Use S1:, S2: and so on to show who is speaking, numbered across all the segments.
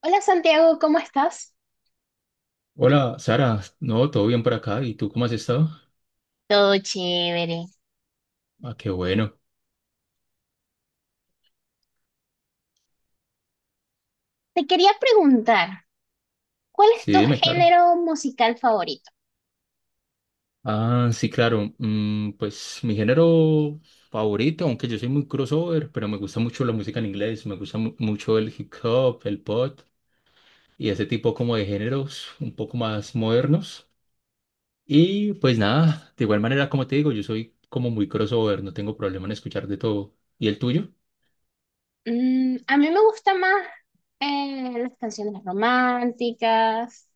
S1: Hola Santiago, ¿cómo estás?
S2: Hola, Sara. No, todo bien por acá. ¿Y tú cómo has estado?
S1: Todo chévere.
S2: Ah, qué bueno.
S1: Te quería preguntar, ¿cuál es
S2: Sí,
S1: tu
S2: dime, claro.
S1: género musical favorito?
S2: Ah, sí, claro. Pues mi género favorito, aunque yo soy muy crossover, pero me gusta mucho la música en inglés. Me gusta mucho el hip hop, el pop y ese tipo como de géneros un poco más modernos. Y pues nada, de igual manera, como te digo, yo soy como muy crossover. No tengo problema en escuchar de todo. ¿Y el tuyo?
S1: A mí me gustan más las canciones románticas,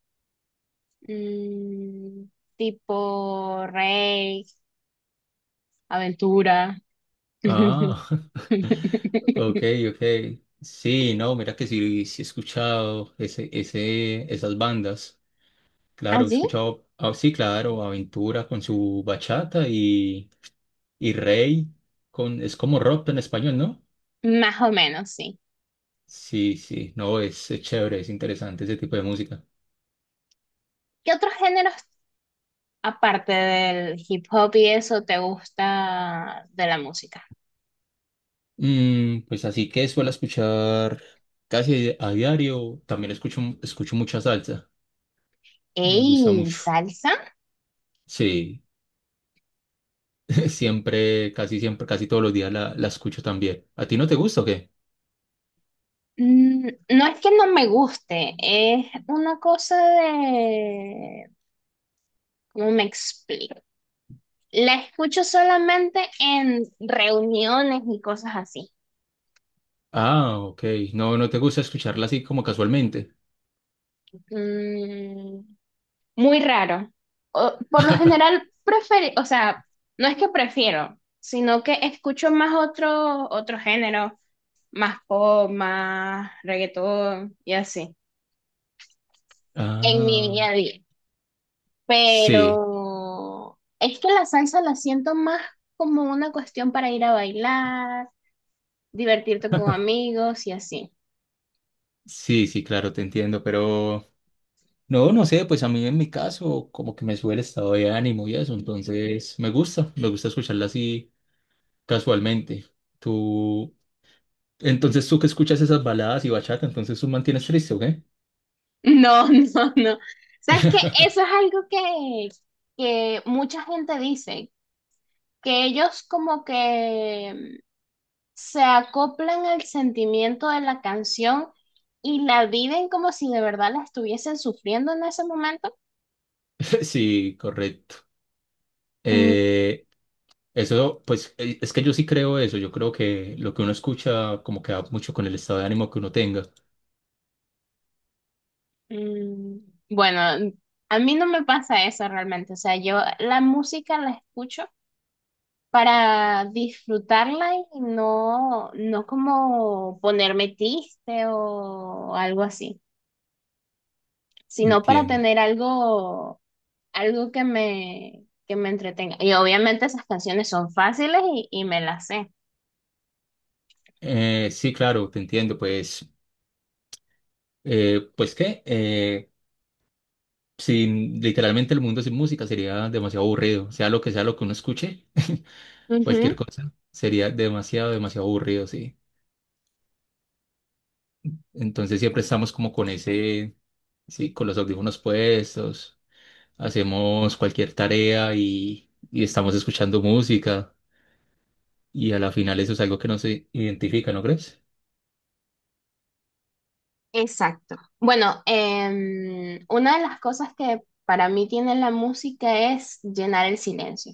S1: mm, tipo Rey, Aventura.
S2: Ah, ok, ok. Sí, no, mira que sí, sí he escuchado ese, esas bandas. Claro, he
S1: ¿Así?
S2: escuchado, ah, sí, claro, Aventura con su bachata y Rey con, es como rock en español, ¿no?
S1: Más o menos, sí.
S2: Sí, sí, no, es chévere, es interesante ese tipo de música.
S1: ¿Qué otros géneros, aparte del hip hop y eso, te gusta de la música?
S2: Pues así que suelo escuchar casi a diario. También escucho mucha salsa, me gusta
S1: ¡Ey,
S2: mucho.
S1: salsa!
S2: Sí. Siempre, casi todos los días la escucho también. ¿A ti no te gusta o qué?
S1: No es que no me guste, es una cosa de... ¿Cómo me explico? La escucho solamente en reuniones y cosas así.
S2: Ah, ok. No, no te gusta escucharla así como casualmente.
S1: Mm, muy raro. Por lo general, prefiero, o sea, no es que prefiero, sino que escucho más otro, otro género, más pop, más reggaetón y así, en mi día
S2: Ah,
S1: a día.
S2: sí,
S1: Pero es que la salsa la siento más como una cuestión para ir a bailar, divertirte con amigos y así.
S2: sí, sí, claro, te entiendo, pero no, no sé, pues a mí en mi caso como que me sube el estado de ánimo y eso, entonces me gusta escucharla así casualmente. Tú, entonces tú que escuchas esas baladas y bachata, entonces tú mantienes triste, ¿o qué?
S1: No, no, no. ¿Sabes qué? Eso es algo que mucha gente dice, que ellos como que se acoplan al sentimiento de la canción y la viven como si de verdad la estuviesen sufriendo en ese momento.
S2: Sí, correcto. Eh, Eso, pues, es que yo sí creo eso. Yo creo que lo que uno escucha como que va mucho con el estado de ánimo que uno tenga.
S1: Mm, Bueno, a mí no me pasa eso realmente. O sea, yo la música la escucho para disfrutarla y no, no como ponerme triste o algo así, sino para
S2: Entiendo.
S1: tener algo, algo que que me entretenga. Y obviamente esas canciones son fáciles y me las sé.
S2: Sí, claro, te entiendo. Pues, pues qué, sin literalmente el mundo sin música sería demasiado aburrido. Sea lo que uno escuche,
S1: Ujú.
S2: cualquier cosa sería demasiado, demasiado aburrido, sí. Entonces siempre estamos como con ese, sí, con los audífonos puestos, hacemos cualquier tarea y estamos escuchando música. Y a la final eso es algo que no se identifica, ¿no crees?
S1: Exacto. Bueno, una de las cosas que para mí tiene la música es llenar el silencio,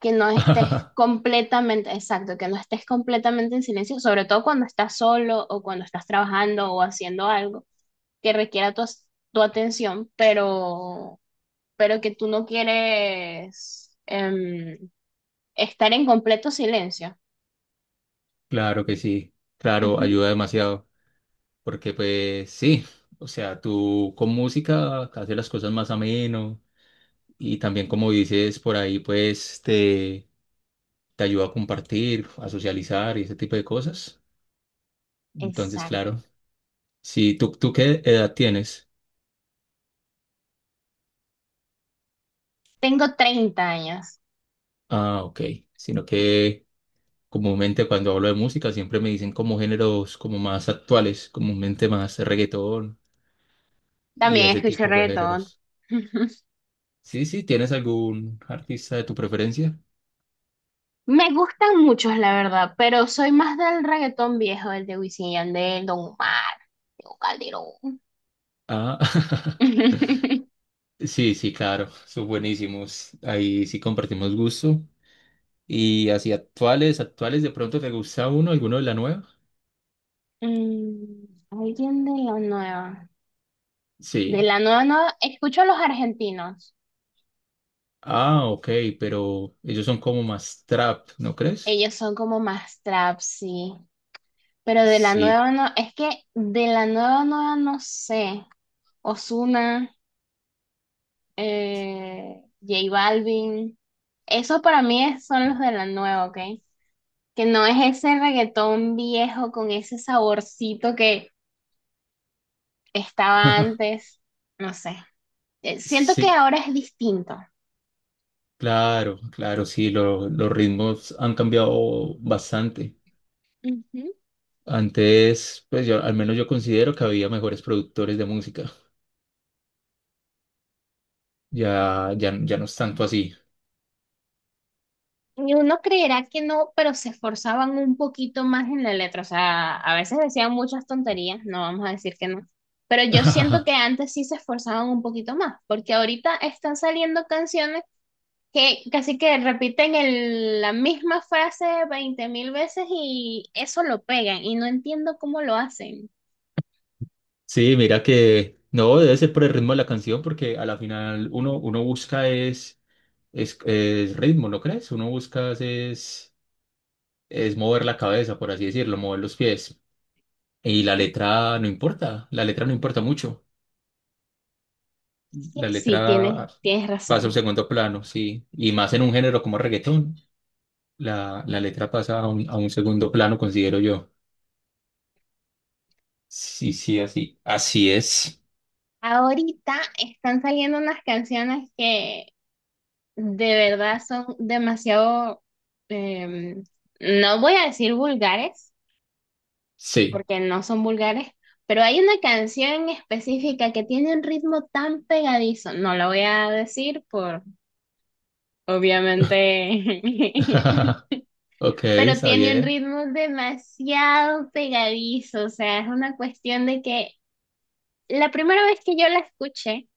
S1: que no estés completamente, exacto, que no estés completamente en silencio, sobre todo cuando estás solo o cuando estás trabajando o haciendo algo que requiera tu atención, pero que tú no quieres estar en completo silencio.
S2: Claro que sí, claro,
S1: Ujú.
S2: ayuda demasiado, porque pues sí, o sea, tú con música haces las cosas más ameno y también como dices por ahí, pues te ayuda a compartir, a socializar y ese tipo de cosas. Entonces,
S1: Exacto.
S2: claro, si tú, ¿tú qué edad tienes?
S1: Tengo 30 años.
S2: Ah, ok, sino que comúnmente cuando hablo de música siempre me dicen como géneros como más actuales, comúnmente más reggaetón y
S1: También
S2: ese
S1: escucho
S2: tipo de
S1: reggaetón.
S2: géneros. Sí, sí, ¿tienes algún artista de tu preferencia?
S1: Me gustan muchos, la verdad, pero soy más del reggaetón viejo, el de Wisin y Yandel, Don Omar, Tego Calderón.
S2: Ah, sí, sí, claro, son buenísimos. Ahí sí compartimos gusto. Y así actuales, actuales, ¿de pronto te gusta uno, alguno de la nueva?
S1: Mm, alguien de la nueva. De
S2: Sí.
S1: la nueva, nueva, escucho a los argentinos.
S2: Ah, ok, pero ellos son como más trap, ¿no crees?
S1: Ellos son como más trap, sí. Pero de la
S2: Sí,
S1: nueva, no, es que de la nueva, nueva no sé. Ozuna, J Balvin. Eso para mí son los de la nueva, ¿ok? Que no es ese reggaetón viejo con ese saborcito que estaba antes. No sé. Siento que
S2: sí,
S1: ahora es distinto.
S2: claro, claro, sí, los ritmos han cambiado bastante. Antes, pues yo, al menos yo considero que había mejores productores de música. Ya, ya, ya no es tanto así.
S1: Y uno creerá que no, pero se esforzaban un poquito más en la letra. O sea, a veces decían muchas tonterías, no vamos a decir que no. Pero yo siento que antes sí se esforzaban un poquito más, porque ahorita están saliendo canciones que casi que repiten la misma frase 20.000 veces y eso lo pegan y no entiendo cómo lo hacen.
S2: Sí, mira que no, debe ser por el ritmo de la canción, porque a la final uno, uno busca es ritmo, ¿no crees? Uno busca es mover la cabeza, por así decirlo, mover los pies. Y la letra no importa, la letra no importa mucho.
S1: Sí,
S2: La
S1: sí,
S2: letra
S1: tienes
S2: pasa a un
S1: razón.
S2: segundo plano, sí. Y más en un género como reggaetón, la letra pasa a un segundo plano, considero yo. Sí, sí, así. Así es.
S1: Ahorita están saliendo unas canciones que de verdad son demasiado, em, no voy a decir vulgares,
S2: Sí.
S1: porque no son vulgares, pero hay una canción específica que tiene un ritmo tan pegadizo, no la voy a decir por, obviamente,
S2: Ok,
S1: pero
S2: está
S1: tiene un ritmo demasiado pegadizo, o sea, es una cuestión de que la primera vez que yo la escuché,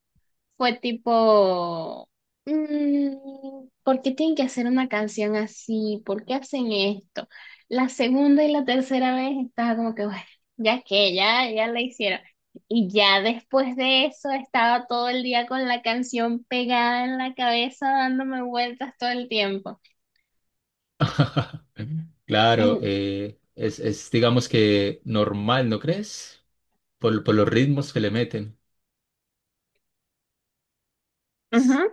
S1: fue tipo, mm, ¿por qué tienen que hacer una canción así? ¿Por qué hacen esto? La segunda y la tercera vez estaba como que, bueno, ya que, ya la hicieron. Y ya después de eso estaba todo el día con la canción pegada en la cabeza, dándome vueltas todo el tiempo.
S2: Claro,
S1: En-
S2: es, digamos que normal, ¿no crees? Por los ritmos que le meten. S-
S1: ujú.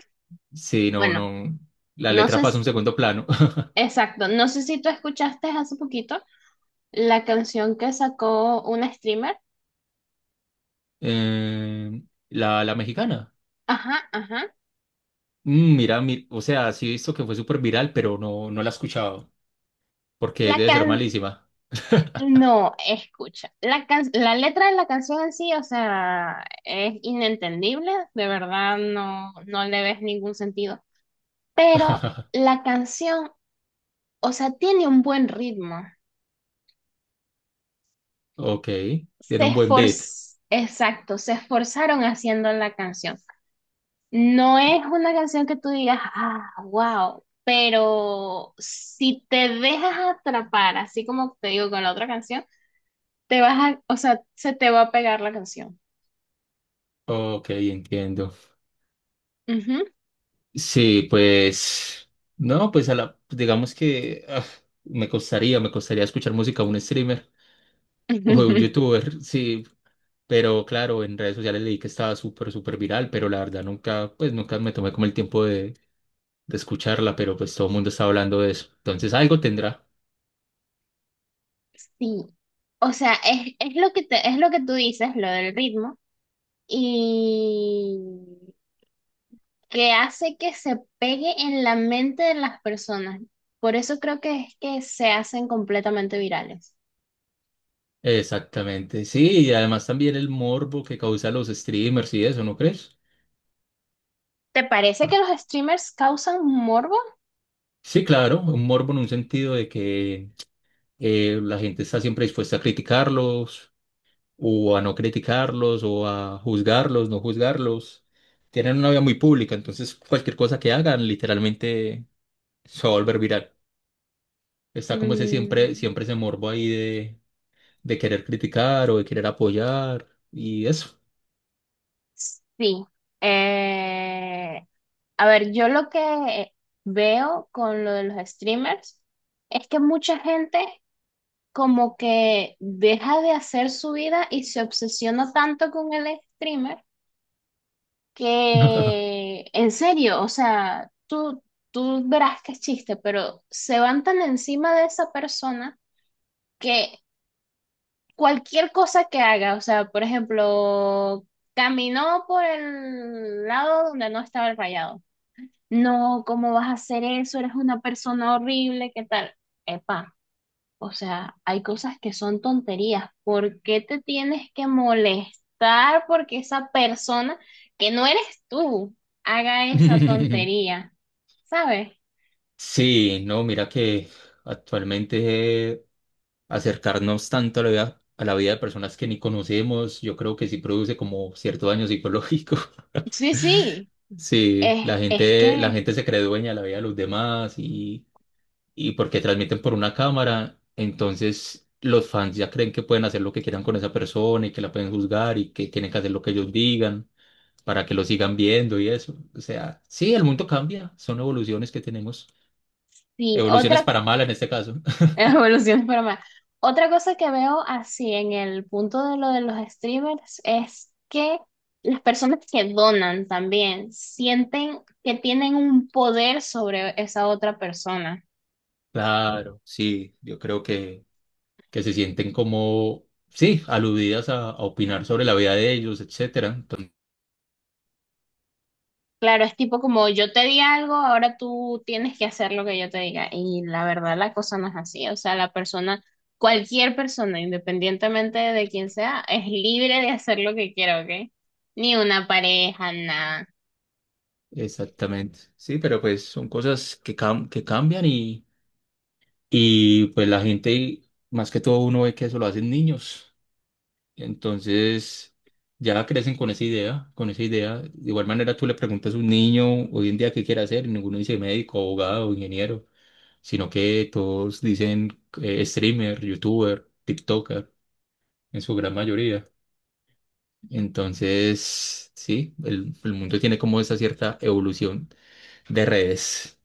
S2: Sí, no,
S1: Bueno,
S2: no. La
S1: no sé,
S2: letra pasa a
S1: s-
S2: un segundo plano.
S1: exacto, no sé si tú escuchaste hace poquito la canción que sacó una streamer.
S2: Eh, la, la mexicana.
S1: Ajá, ajá.
S2: Mira, mi- o sea, sí he visto que fue súper viral, pero no, no la he escuchado. Porque
S1: La
S2: debe ser
S1: can
S2: malísima.
S1: No, escucha, la letra de la canción en sí, o sea, es inentendible, de verdad no, no le ves ningún sentido, pero la canción, o sea, tiene un buen ritmo.
S2: Ok, tiene un buen beat.
S1: Exacto, se esforzaron haciendo la canción. No es una canción que tú digas, ah, wow, pero si te dejas atrapar, así como te digo con la otra canción, te o sea, se te va a pegar la canción.
S2: Ok, entiendo.
S1: Ujú.
S2: Sí, pues, no, pues a la, pues digamos que me costaría escuchar música a un streamer o a un youtuber, sí, pero claro, en redes sociales leí que estaba súper, súper viral, pero la verdad nunca, pues nunca me tomé como el tiempo de escucharla, pero pues todo el mundo está hablando de eso, entonces algo tendrá.
S1: Sí, o sea, es lo que es lo que tú dices, lo del ritmo, y que hace que se pegue en la mente de las personas. Por eso creo que es que se hacen completamente virales.
S2: Exactamente, sí, y además también el morbo que causa los streamers y eso, ¿no crees?
S1: ¿Te parece que
S2: Por-
S1: los streamers causan morbo?
S2: Sí, claro, un morbo en un sentido de que la gente está siempre dispuesta a criticarlos o a no criticarlos o a juzgarlos, no juzgarlos. Tienen una vida muy pública, entonces cualquier cosa que hagan literalmente se va a volver viral. Está como ese siempre,
S1: Mm,
S2: siempre ese morbo ahí de querer criticar o de querer apoyar y eso.
S1: sí. Eh, a ver, yo lo que veo con lo de los streamers es que mucha gente como que deja de hacer su vida y se obsesiona tanto con el streamer que, en serio, o sea, tú verás que es chiste, pero se van tan encima de esa persona que cualquier cosa que haga, o sea, por ejemplo, caminó por el lado donde no estaba el rayado. No, ¿cómo vas a hacer eso? Eres una persona horrible, ¿qué tal? Epa. O sea, hay cosas que son tonterías. ¿Por qué te tienes que molestar porque esa persona que no eres tú haga esa tontería? ¿Sabes?
S2: Sí, no, mira que actualmente acercarnos tanto a la vida de personas que ni conocemos, yo creo que sí produce como cierto daño psicológico.
S1: Sí, sí.
S2: Sí,
S1: Es, es
S2: la
S1: que,
S2: gente se cree dueña de la vida de los demás y porque transmiten por una cámara, entonces los fans ya creen que pueden hacer lo que quieran con esa persona y que la pueden juzgar y que tienen que hacer lo que ellos digan para que lo sigan viendo y eso. O sea, sí, el mundo cambia, son evoluciones que tenemos,
S1: sí,
S2: evoluciones
S1: otra
S2: para mal en este caso.
S1: evolución para más. Otra cosa que veo así en el punto de lo de los streamers es que las personas que donan también sienten que tienen un poder sobre esa otra persona.
S2: Claro, sí, yo creo que se sienten como, sí, aludidas a opinar sobre la vida de ellos, etcétera.
S1: Claro, es tipo como yo te di algo, ahora tú tienes que hacer lo que yo te diga. Y la verdad, la cosa no es así. O sea, la persona, cualquier persona, independientemente de quién sea, es libre de hacer lo que quiera, ¿ok? Ni una pareja, nada.
S2: Exactamente. Sí, pero pues son cosas que, cam- que cambian y pues la gente, más que todo uno ve que eso lo hacen niños. Entonces ya crecen con esa idea, con esa idea. De igual manera tú le preguntas a un niño hoy en día qué quiere hacer y ninguno dice médico, abogado, ingeniero, sino que todos dicen streamer, youtuber, TikToker, en su gran mayoría. Entonces, sí, el mundo tiene como esa cierta evolución de redes.